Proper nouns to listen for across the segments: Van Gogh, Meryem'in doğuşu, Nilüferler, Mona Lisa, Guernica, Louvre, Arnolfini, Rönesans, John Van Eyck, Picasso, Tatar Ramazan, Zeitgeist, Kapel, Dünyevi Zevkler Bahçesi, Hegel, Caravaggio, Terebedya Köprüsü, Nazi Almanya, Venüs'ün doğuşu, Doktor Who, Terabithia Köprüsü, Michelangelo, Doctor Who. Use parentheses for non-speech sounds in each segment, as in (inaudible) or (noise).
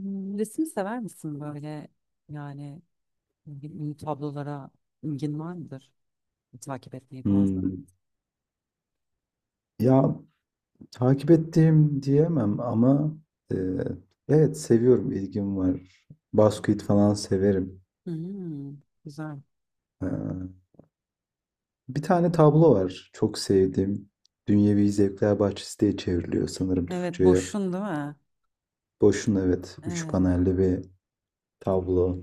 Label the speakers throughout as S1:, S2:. S1: Resim sever misin böyle yani, ünlü tablolara ilgin var mıdır? Takip etmeyi falan sever
S2: Hmm. Ya takip ettiğim diyemem ama e, evet seviyorum, ilgim var. Basket
S1: misin?
S2: falan severim.
S1: Hmm, güzel.
S2: Ee, bir tane tablo var çok sevdiğim. Dünyevi Zevkler Bahçesi diye çevriliyor sanırım
S1: Evet,
S2: Türkçe'ye.
S1: boşsun değil mi?
S2: Boş'un evet üç
S1: Evet.
S2: panelli bir tablo.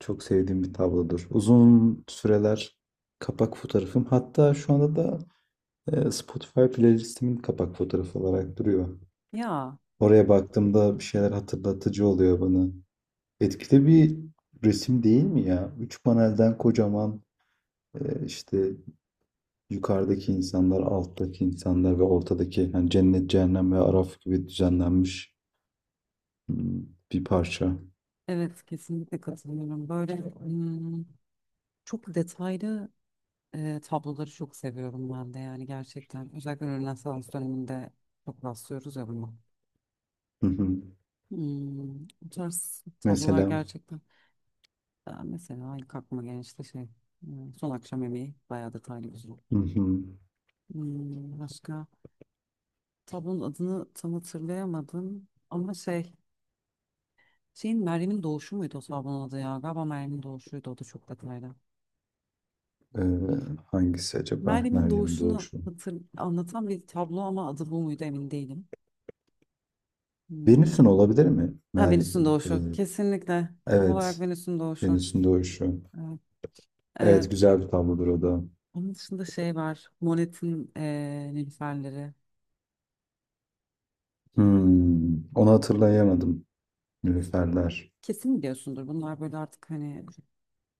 S2: Çok sevdiğim bir tablodur. Uzun süreler kapak fotoğrafım. Hatta şu anda da Spotify playlistimin kapak fotoğrafı olarak duruyor.
S1: Ya,
S2: Oraya baktığımda bir şeyler hatırlatıcı oluyor bana. Etkili bir resim değil mi ya? Üç panelden kocaman işte yukarıdaki insanlar, alttaki insanlar ve ortadaki yani cennet, cehennem ve araf gibi düzenlenmiş hmm, bir parça.
S1: evet, kesinlikle katılıyorum. Böyle, çok detaylı, tabloları çok seviyorum ben de yani, gerçekten. Özellikle Rönesans döneminde çok rastlıyoruz ya buna.
S2: Hı hı.
S1: Bu tarz tablolar,
S2: Mesela.
S1: gerçekten. Ben mesela ilk aklıma gelen, işte şey, son akşam yemeği, bayağı detaylı, güzel.
S2: Hı hı.
S1: Başka tablonun adını tam hatırlayamadım ama şey, şeyin Meryem'in doğuşu muydu o tablonun adı? Ya galiba Meryem'in doğuşuydu, o da çok detaylı.
S2: Ee, hangisi acaba?
S1: Meryem'in
S2: Meryem'in
S1: doğuşunu
S2: doğuşu.
S1: anlatan bir tablo ama adı bu muydu emin değilim. Hmm.
S2: Venüs'ün olabilir mi?
S1: Ha, Venüs'ün doğuşu,
S2: E,
S1: kesinlikle tam olarak
S2: evet.
S1: Venüs'ün doğuşu.
S2: Venüs'ün doğuşu.
S1: Evet. Ee,
S2: Evet, güzel bir tablodur o da.
S1: Onun dışında şey var, Monet'in, Nilüferleri.
S2: Onu hatırlayamadım. Nilüferler.
S1: Kesin biliyorsundur. Bunlar böyle artık hani,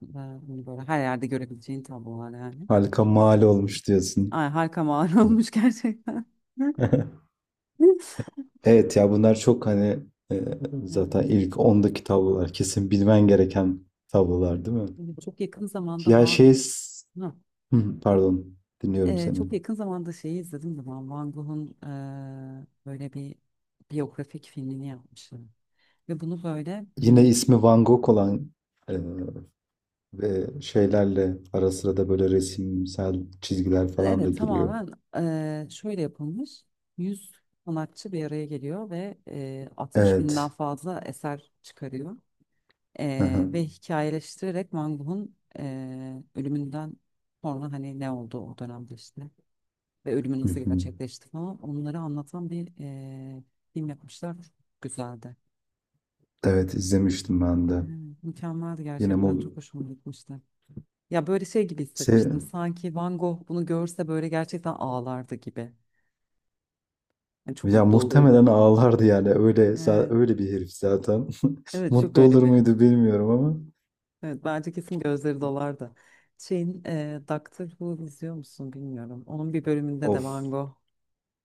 S1: ben bunu böyle her yerde görebileceğin tablolar yani.
S2: Harika mal olmuş diyorsun.
S1: Ay, harika mağara (laughs) olmuş gerçekten. (laughs)
S2: (laughs) Evet, ya bunlar çok hani e, zaten
S1: Evet.
S2: ilk 10'daki tablolar. Kesin bilmen gereken tablolar değil mi?
S1: Şimdi Çok yakın zamanda
S2: Ya
S1: Van
S2: şey s-
S1: Ha,
S2: Hı, pardon, dinliyorum seni.
S1: çok yakın zamanda şeyi izledim de ben, Van Gogh'un böyle bir biyografik filmini yapmışlar. Ve bunu böyle,
S2: Yine ismi Van Gogh olan, e, Ve şeylerle ara sıra da böyle resimsel çizgiler falan da
S1: evet
S2: giriyor.
S1: tamamen, şöyle yapılmış. 100 sanatçı bir araya geliyor ve 60 binden
S2: Evet.
S1: fazla eser çıkarıyor.
S2: Aha.
S1: Ve hikayeleştirerek Van Gogh'un, ölümünden sonra hani ne oldu o dönemde işte, ve ölümü
S2: Hı
S1: nasıl
S2: hı.
S1: gerçekleşti falan, onları anlatan bir film yapmışlar. Çok güzeldi.
S2: Evet, izlemiştim ben de.
S1: Eee, mükemmeldi
S2: Yine
S1: gerçekten,
S2: mu
S1: çok hoşuma gitmişti. Ya, böyle şey gibi
S2: se
S1: hissetmiştim, sanki Van Gogh bunu görse böyle gerçekten ağlardı gibi. Yani çok
S2: ya
S1: mutlu
S2: muhtemelen
S1: olurdu.
S2: ağlardı yani öyle
S1: Evet,
S2: öyle bir herif zaten. (laughs)
S1: evet, çok
S2: Mutlu
S1: öyle
S2: olur
S1: bir.
S2: muydu bilmiyorum ama.
S1: Evet, bence kesin gözleri dolardı. Şeyin Doctor Who izliyor musun bilmiyorum. Onun bir bölümünde de Van
S2: Of.
S1: Gogh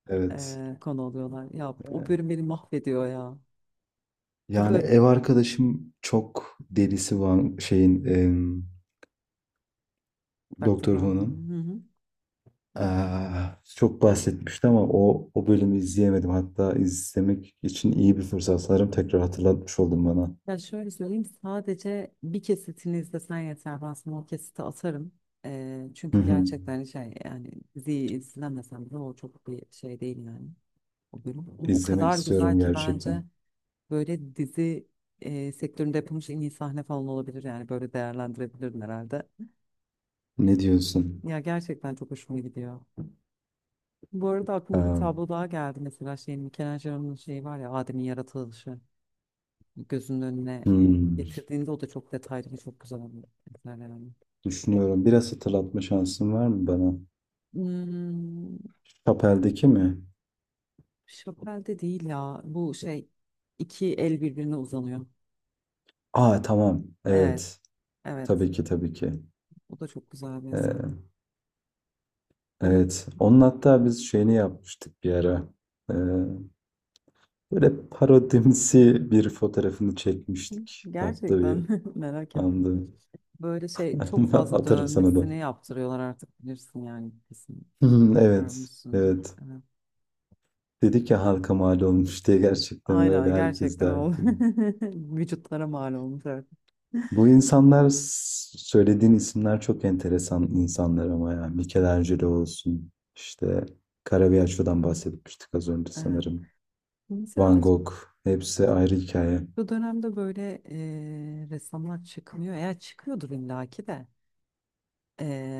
S2: Evet.
S1: konu oluyorlar. Ya, o bölüm beni mahvediyor ya.
S2: Yani
S1: Böyle
S2: ev arkadaşım çok delisi var şeyin
S1: (laughs) Doctor
S2: Doktor
S1: Who.
S2: Who'nun.
S1: Hı hı.
S2: Aa, çok bahsetmişti ama o bölümü izleyemedim. Hatta izlemek için iyi bir fırsat. Sanırım tekrar hatırlatmış oldun bana.
S1: Ya şöyle söyleyeyim, sadece bir kesitini izlesen yeter. Ben sana o kesiti atarım. E,
S2: Hı
S1: çünkü
S2: hı.
S1: gerçekten şey yani, diziyi izlemesen bile o çok bir şey değil yani. O bölüm. O
S2: İzlemek
S1: kadar güzel
S2: istiyorum
S1: ki bence,
S2: gerçekten.
S1: böyle dizi sektöründe yapılmış en iyi sahne falan olabilir yani, böyle değerlendirebilirim herhalde.
S2: Ne diyorsun?
S1: Ya gerçekten çok hoşuma gidiyor. Bu arada aklıma bir
S2: Aa,
S1: tablo daha geldi, mesela şey, Michelangelo'nun şeyi var ya, Adem'in yaratılışı. Gözünün önüne
S2: hmm,
S1: getirdiğinde, o da çok detaylı ve çok güzel bir eser yani.
S2: düşünüyorum. Biraz hatırlatma şansın var mı bana?
S1: Hmm,
S2: Kapel'deki mi?
S1: Chapelle de değil ya, bu şey, iki el birbirine uzanıyor.
S2: Aa, tamam.
S1: Evet,
S2: Evet.
S1: evet,
S2: Tabii ki, tabii ki.
S1: o da çok güzel bir eser.
S2: Ee,
S1: Onun
S2: evet. Onun hatta biz şeyini yapmıştık bir ara. Ee, böyle parodimsi bir fotoğrafını çekmiştik. Tatlı bir.
S1: gerçekten (laughs) merak ettim.
S2: Anladım.
S1: Böyle şey çok
S2: (laughs)
S1: fazla
S2: Atarım sana da.
S1: dövmesini yaptırıyorlar artık, bilirsin yani, kesin
S2: Hmm. Evet.
S1: görmüşsündür.
S2: Evet.
S1: Evet.
S2: Dedik ya halka mal olmuş diye, gerçekten öyle
S1: Aynen,
S2: herkes
S1: gerçekten oldu. (laughs)
S2: derdi.
S1: Vücutlara mal olmuş artık.
S2: Bu insanlar söylediğin isimler çok enteresan insanlar ama ya. Michelangelo olsun, işte Caravaggio'dan bahsetmiştik az önce
S1: Evet.
S2: sanırım.
S1: Mesela
S2: Van Gogh. Hepsi ayrı hikaye.
S1: bu dönemde böyle ressamlar çıkmıyor. Eğer çıkıyordur illaki de,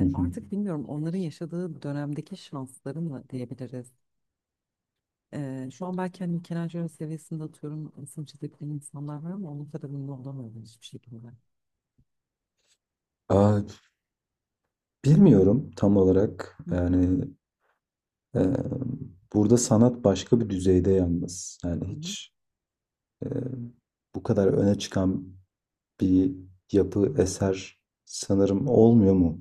S2: Hı hı.
S1: artık bilmiyorum, onların yaşadığı dönemdeki şansları mı diyebiliriz. Şu an belki hani Michelangelo seviyesinde, atıyorum, resim çizebilen insanlar var ama onun kadar ünlü olamıyorlar hiçbir şekilde.
S2: Aa, bilmiyorum tam olarak.
S1: Hı hı.
S2: Yani e, burada sanat başka bir düzeyde yalnız.
S1: Hı
S2: Yani
S1: hı.
S2: hiç e, bu kadar öne çıkan bir yapı, eser sanırım olmuyor mu?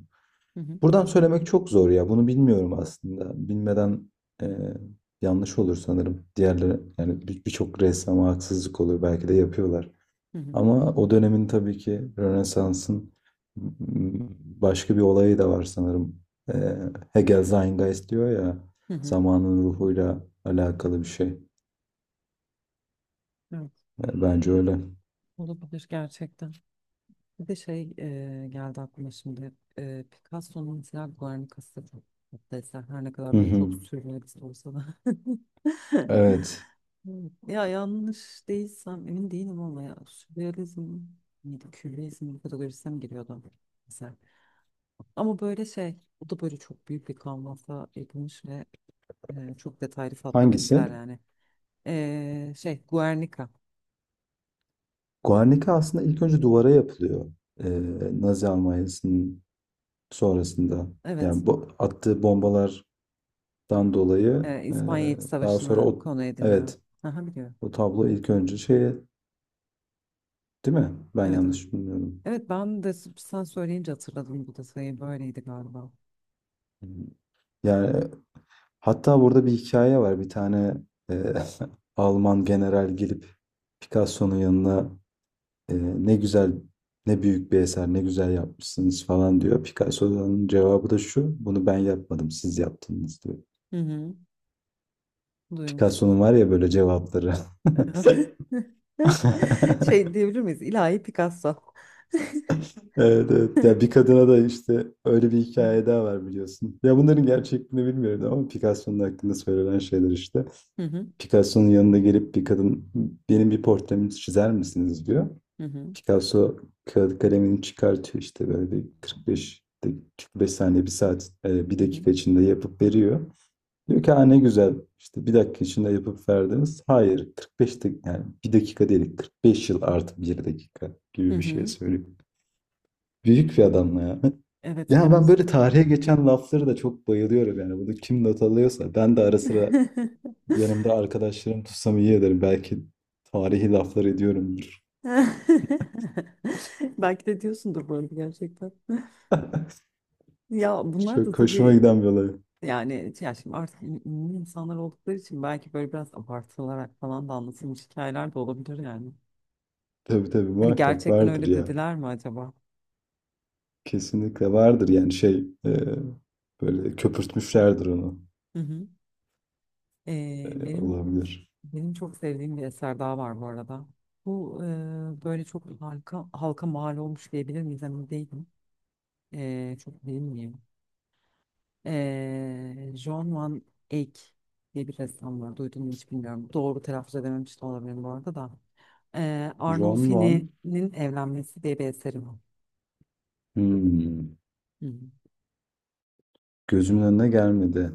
S1: Hı hı.
S2: Buradan söylemek çok zor ya. Bunu bilmiyorum aslında. Bilmeden e, yanlış olur sanırım. Diğerleri yani birçok ressama haksızlık olur. Belki de yapıyorlar.
S1: Hı hı.
S2: Ama o dönemin tabii ki Rönesans'ın başka bir olayı da var sanırım. E, Hegel Zeitgeist diyor ya,
S1: Hı hı.
S2: zamanın ruhuyla alakalı bir şey.
S1: Evet,
S2: Bence öyle.
S1: olabilir gerçekten. Bir de şey geldi aklıma şimdi. Picasso'nun mesela Guernica'sı çok tatlı eser. Her ne kadar
S2: Hı
S1: böyle
S2: hı.
S1: çok sürrealist olsa da. (laughs)
S2: Evet.
S1: Evet. Ya, yanlış değilsem emin değilim ama ya, sürrealizm miydi, kübrizm kategorisine mi giriyordu mesela? Ama böyle şey, o da böyle çok büyük bir kanvasa yapılmış ve çok detaylı, tatlı bir
S2: Hangisi?
S1: eser yani. Şey, Guernica.
S2: Guernica aslında ilk önce duvara yapılıyor. Ee, Nazi Almanya'sının sonrasında.
S1: Evet,
S2: Yani bu attığı bombalardan dolayı
S1: İspanya İç
S2: daha sonra
S1: Savaşı'nı
S2: o,
S1: konu ediniyor.
S2: evet,
S1: Aha, biliyorum.
S2: o tablo ilk önce şey değil mi? Ben
S1: Evet, evet.
S2: yanlış bilmiyorum.
S1: Evet, ben de sen söyleyince hatırladım bu detayı. Böyleydi galiba.
S2: Yani hatta burada bir hikaye var. Bir tane e, (laughs) Alman general gelip Picasso'nun yanına Ee, ne güzel, ne büyük bir eser, ne güzel yapmışsınız falan diyor. Picasso'nun cevabı da şu: bunu ben yapmadım, siz yaptınız diyor.
S1: Hı hı. Duymuştum.
S2: Picasso'nun var ya böyle cevapları. (laughs)
S1: (laughs) Şey diyebilir miyiz? İlahi Picasso. (laughs)
S2: Evet, evet.
S1: Hı
S2: Ya bir kadına da işte öyle bir hikaye daha var, biliyorsun. Ya bunların gerçekliğini bilmiyorum ama Picasso'nun hakkında söylenen şeyler işte.
S1: hı.
S2: Picasso'nun yanına gelip bir kadın, benim bir portremi çizer misiniz diyor.
S1: Hı hı.
S2: Picasso kağıt kalemini çıkartıyor, işte böyle bir 45 45 saniye bir saat bir
S1: Hı hı.
S2: dakika içinde yapıp veriyor. Diyor ki ha, ne güzel, işte bir dakika içinde yapıp verdiniz. Hayır, 45 yani bir dakika değil, 45 yıl artı bir dakika
S1: Hı
S2: gibi bir şey
S1: hı.
S2: söylüyor. Büyük bir adamla ya. (laughs)
S1: Evet,
S2: Ya ben böyle
S1: gerçekten.
S2: tarihe geçen lafları da çok bayılıyorum yani. Bunu kim not alıyorsa, ben de ara sıra
S1: (laughs)
S2: yanımda arkadaşlarım tutsam iyi ederim. Belki tarihi laflar ediyorumdur.
S1: Belki de diyorsundur bu arada, gerçekten. (laughs)
S2: (laughs)
S1: Ya, bunlar da
S2: Çok hoşuma
S1: tabii.
S2: giden bir olay.
S1: Yani ya şimdi artık ünlü insanlar oldukları için, belki böyle biraz abartılarak falan da anlatılmış hikayeler de olabilir yani.
S2: Tabii, tabii,
S1: Hani
S2: muhakkak
S1: gerçekten
S2: vardır
S1: öyle
S2: ya.
S1: dediler mi acaba?
S2: Kesinlikle vardır, yani şey böyle köpürtmüşlerdir onu.
S1: Hı hı.
S2: E,
S1: Ee, benim
S2: olabilir.
S1: benim çok sevdiğim bir eser daha var bu arada. Bu böyle çok halka mal olmuş diyebilir miyiz, emin değilim. Çok bilmiyorum. John Van Eyck diye bir ressam var. Duydun mu hiç bilmiyorum. Doğru telaffuz edememiş de olabilirim bu arada da.
S2: Ron Von
S1: Arnolfini'nin Evlenmesi diye bir eseri var.
S2: hmm,
S1: Hı
S2: gözümün önüne gelmedi.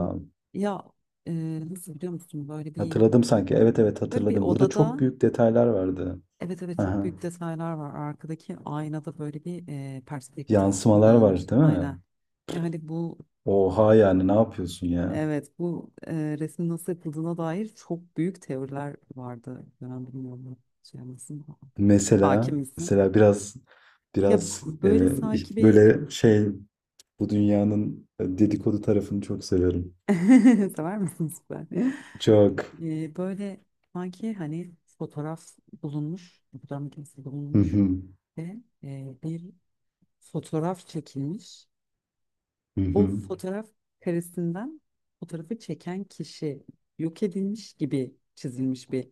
S1: hı. Ya, e, nasıl biliyor musun, böyle bir,
S2: hatırladım sanki. Evet, evet,
S1: böyle bir
S2: hatırladım. Burada çok
S1: odada,
S2: büyük detaylar vardı.
S1: evet evet, çok
S2: Aha,
S1: büyük detaylar var, arkadaki aynada böyle bir perspektif
S2: yansımalar
S1: kullanılmış
S2: var değil mi?
S1: aynen. Ve hani bu,
S2: Oha, yani ne yapıyorsun ya?
S1: evet, bu resmin nasıl yapıldığına dair çok büyük teoriler vardı, ben bilmiyorum. Şey misin
S2: Mesela,
S1: Hakim misin?
S2: mesela biraz,
S1: Ya,
S2: biraz
S1: böyle sanki bir
S2: böyle şey, bu dünyanın dedikodu tarafını çok severim.
S1: (laughs) sever misin, süper.
S2: Çok.
S1: Böyle sanki hani fotoğraf bulunmuş, fotoğraf makinesi
S2: Hı
S1: bulunmuş
S2: hı.
S1: ve bir fotoğraf çekilmiş.
S2: Hı
S1: O
S2: hı.
S1: fotoğraf karesinden fotoğrafı çeken kişi yok edilmiş gibi çizilmiş bir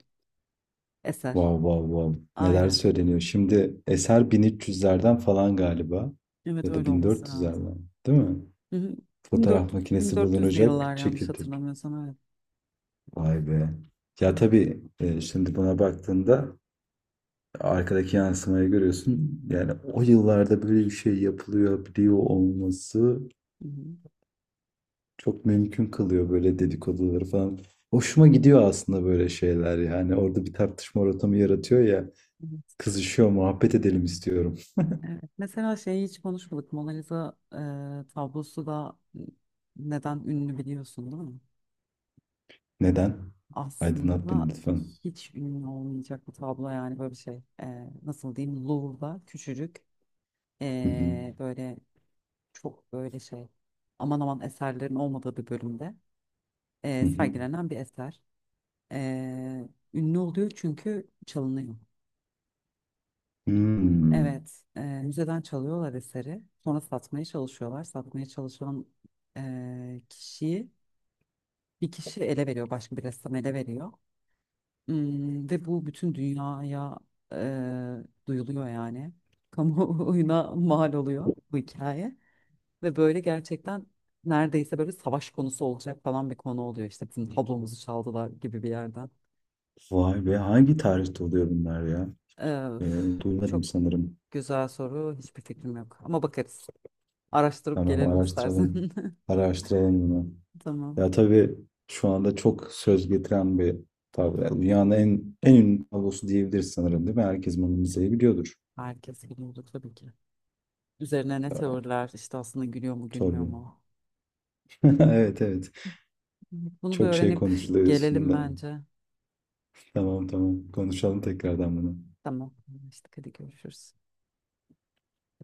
S1: eser.
S2: Wow, wow, wow. Neler
S1: Aynen.
S2: söyleniyor. Şimdi
S1: Hı.
S2: eser 1300'lerden falan galiba.
S1: Evet,
S2: Ya da
S1: öyle olması lazım.
S2: 1400'lerden. Değil mi?
S1: Hı hı.
S2: Fotoğraf
S1: 1400,
S2: makinesi
S1: 1400'lü yıllar
S2: bulunacak.
S1: yanlış
S2: Çekirdek.
S1: hatırlamıyorsam, evet.
S2: Vay be.
S1: Hı
S2: Ya
S1: hı.
S2: tabii şimdi buna baktığında arkadaki yansımayı görüyorsun. Yani o yıllarda böyle bir şey yapılıyor, biliyor olması çok mümkün kılıyor böyle dedikoduları falan. Hoşuma gidiyor aslında böyle şeyler yani. Orada bir tartışma ortamı yaratıyor ya.
S1: Hı hı.
S2: Kızışıyor, muhabbet edelim istiyorum.
S1: Evet. Mesela şeyi hiç konuşmadık, Mona Lisa tablosu da neden ünlü biliyorsun değil mi?
S2: Neden? Aydınlat beni
S1: Aslında
S2: lütfen.
S1: hiç ünlü olmayacak bir tablo yani, böyle bir şey. Nasıl diyeyim? Louvre'da küçücük,
S2: Hı hı.
S1: böyle çok böyle şey, aman aman eserlerin olmadığı bir bölümde
S2: Hı hı.
S1: sergilenen bir eser. E, ünlü oluyor çünkü çalınıyor.
S2: Hmm.
S1: Evet, müzeden çalıyorlar eseri. Sonra satmaya çalışıyorlar. Satmaya çalışan kişiyi, bir kişi ele veriyor, başka bir ressam ele veriyor. Ve bu bütün dünyaya duyuluyor yani. (laughs) Kamuoyuna mal oluyor bu hikaye. Ve böyle gerçekten neredeyse böyle savaş konusu olacak falan bir konu oluyor. İşte bizim tablomuzu çaldılar gibi bir yerden.
S2: Vay be, hangi tarihte oluyor bunlar ya?
S1: Üf,
S2: Duymadım
S1: çok
S2: sanırım.
S1: güzel soru. Hiçbir fikrim yok. Ama bakarız. Araştırıp
S2: Tamam,
S1: gelelim
S2: araştıralım.
S1: istersen.
S2: Araştıralım bunu.
S1: (laughs) Tamam.
S2: Ya tabii şu anda çok söz getiren bir tablo. Yani dünyanın en ünlü tablosu diyebiliriz sanırım, değil mi? Herkes Mona Lisa'yı biliyordur.
S1: Herkes biliyordu tabii ki. Üzerine ne
S2: Aa,
S1: teoriler işte, aslında gülüyor mu gülmüyor
S2: tabii.
S1: mu?
S2: (laughs) Evet, evet.
S1: Bunu bir
S2: Çok şey
S1: öğrenip
S2: konuşuluyor
S1: gelelim
S2: üstünde.
S1: bence.
S2: Tamam, tamam. Konuşalım tekrardan bunu.
S1: Tamam. Anlaştık. Hadi görüşürüz.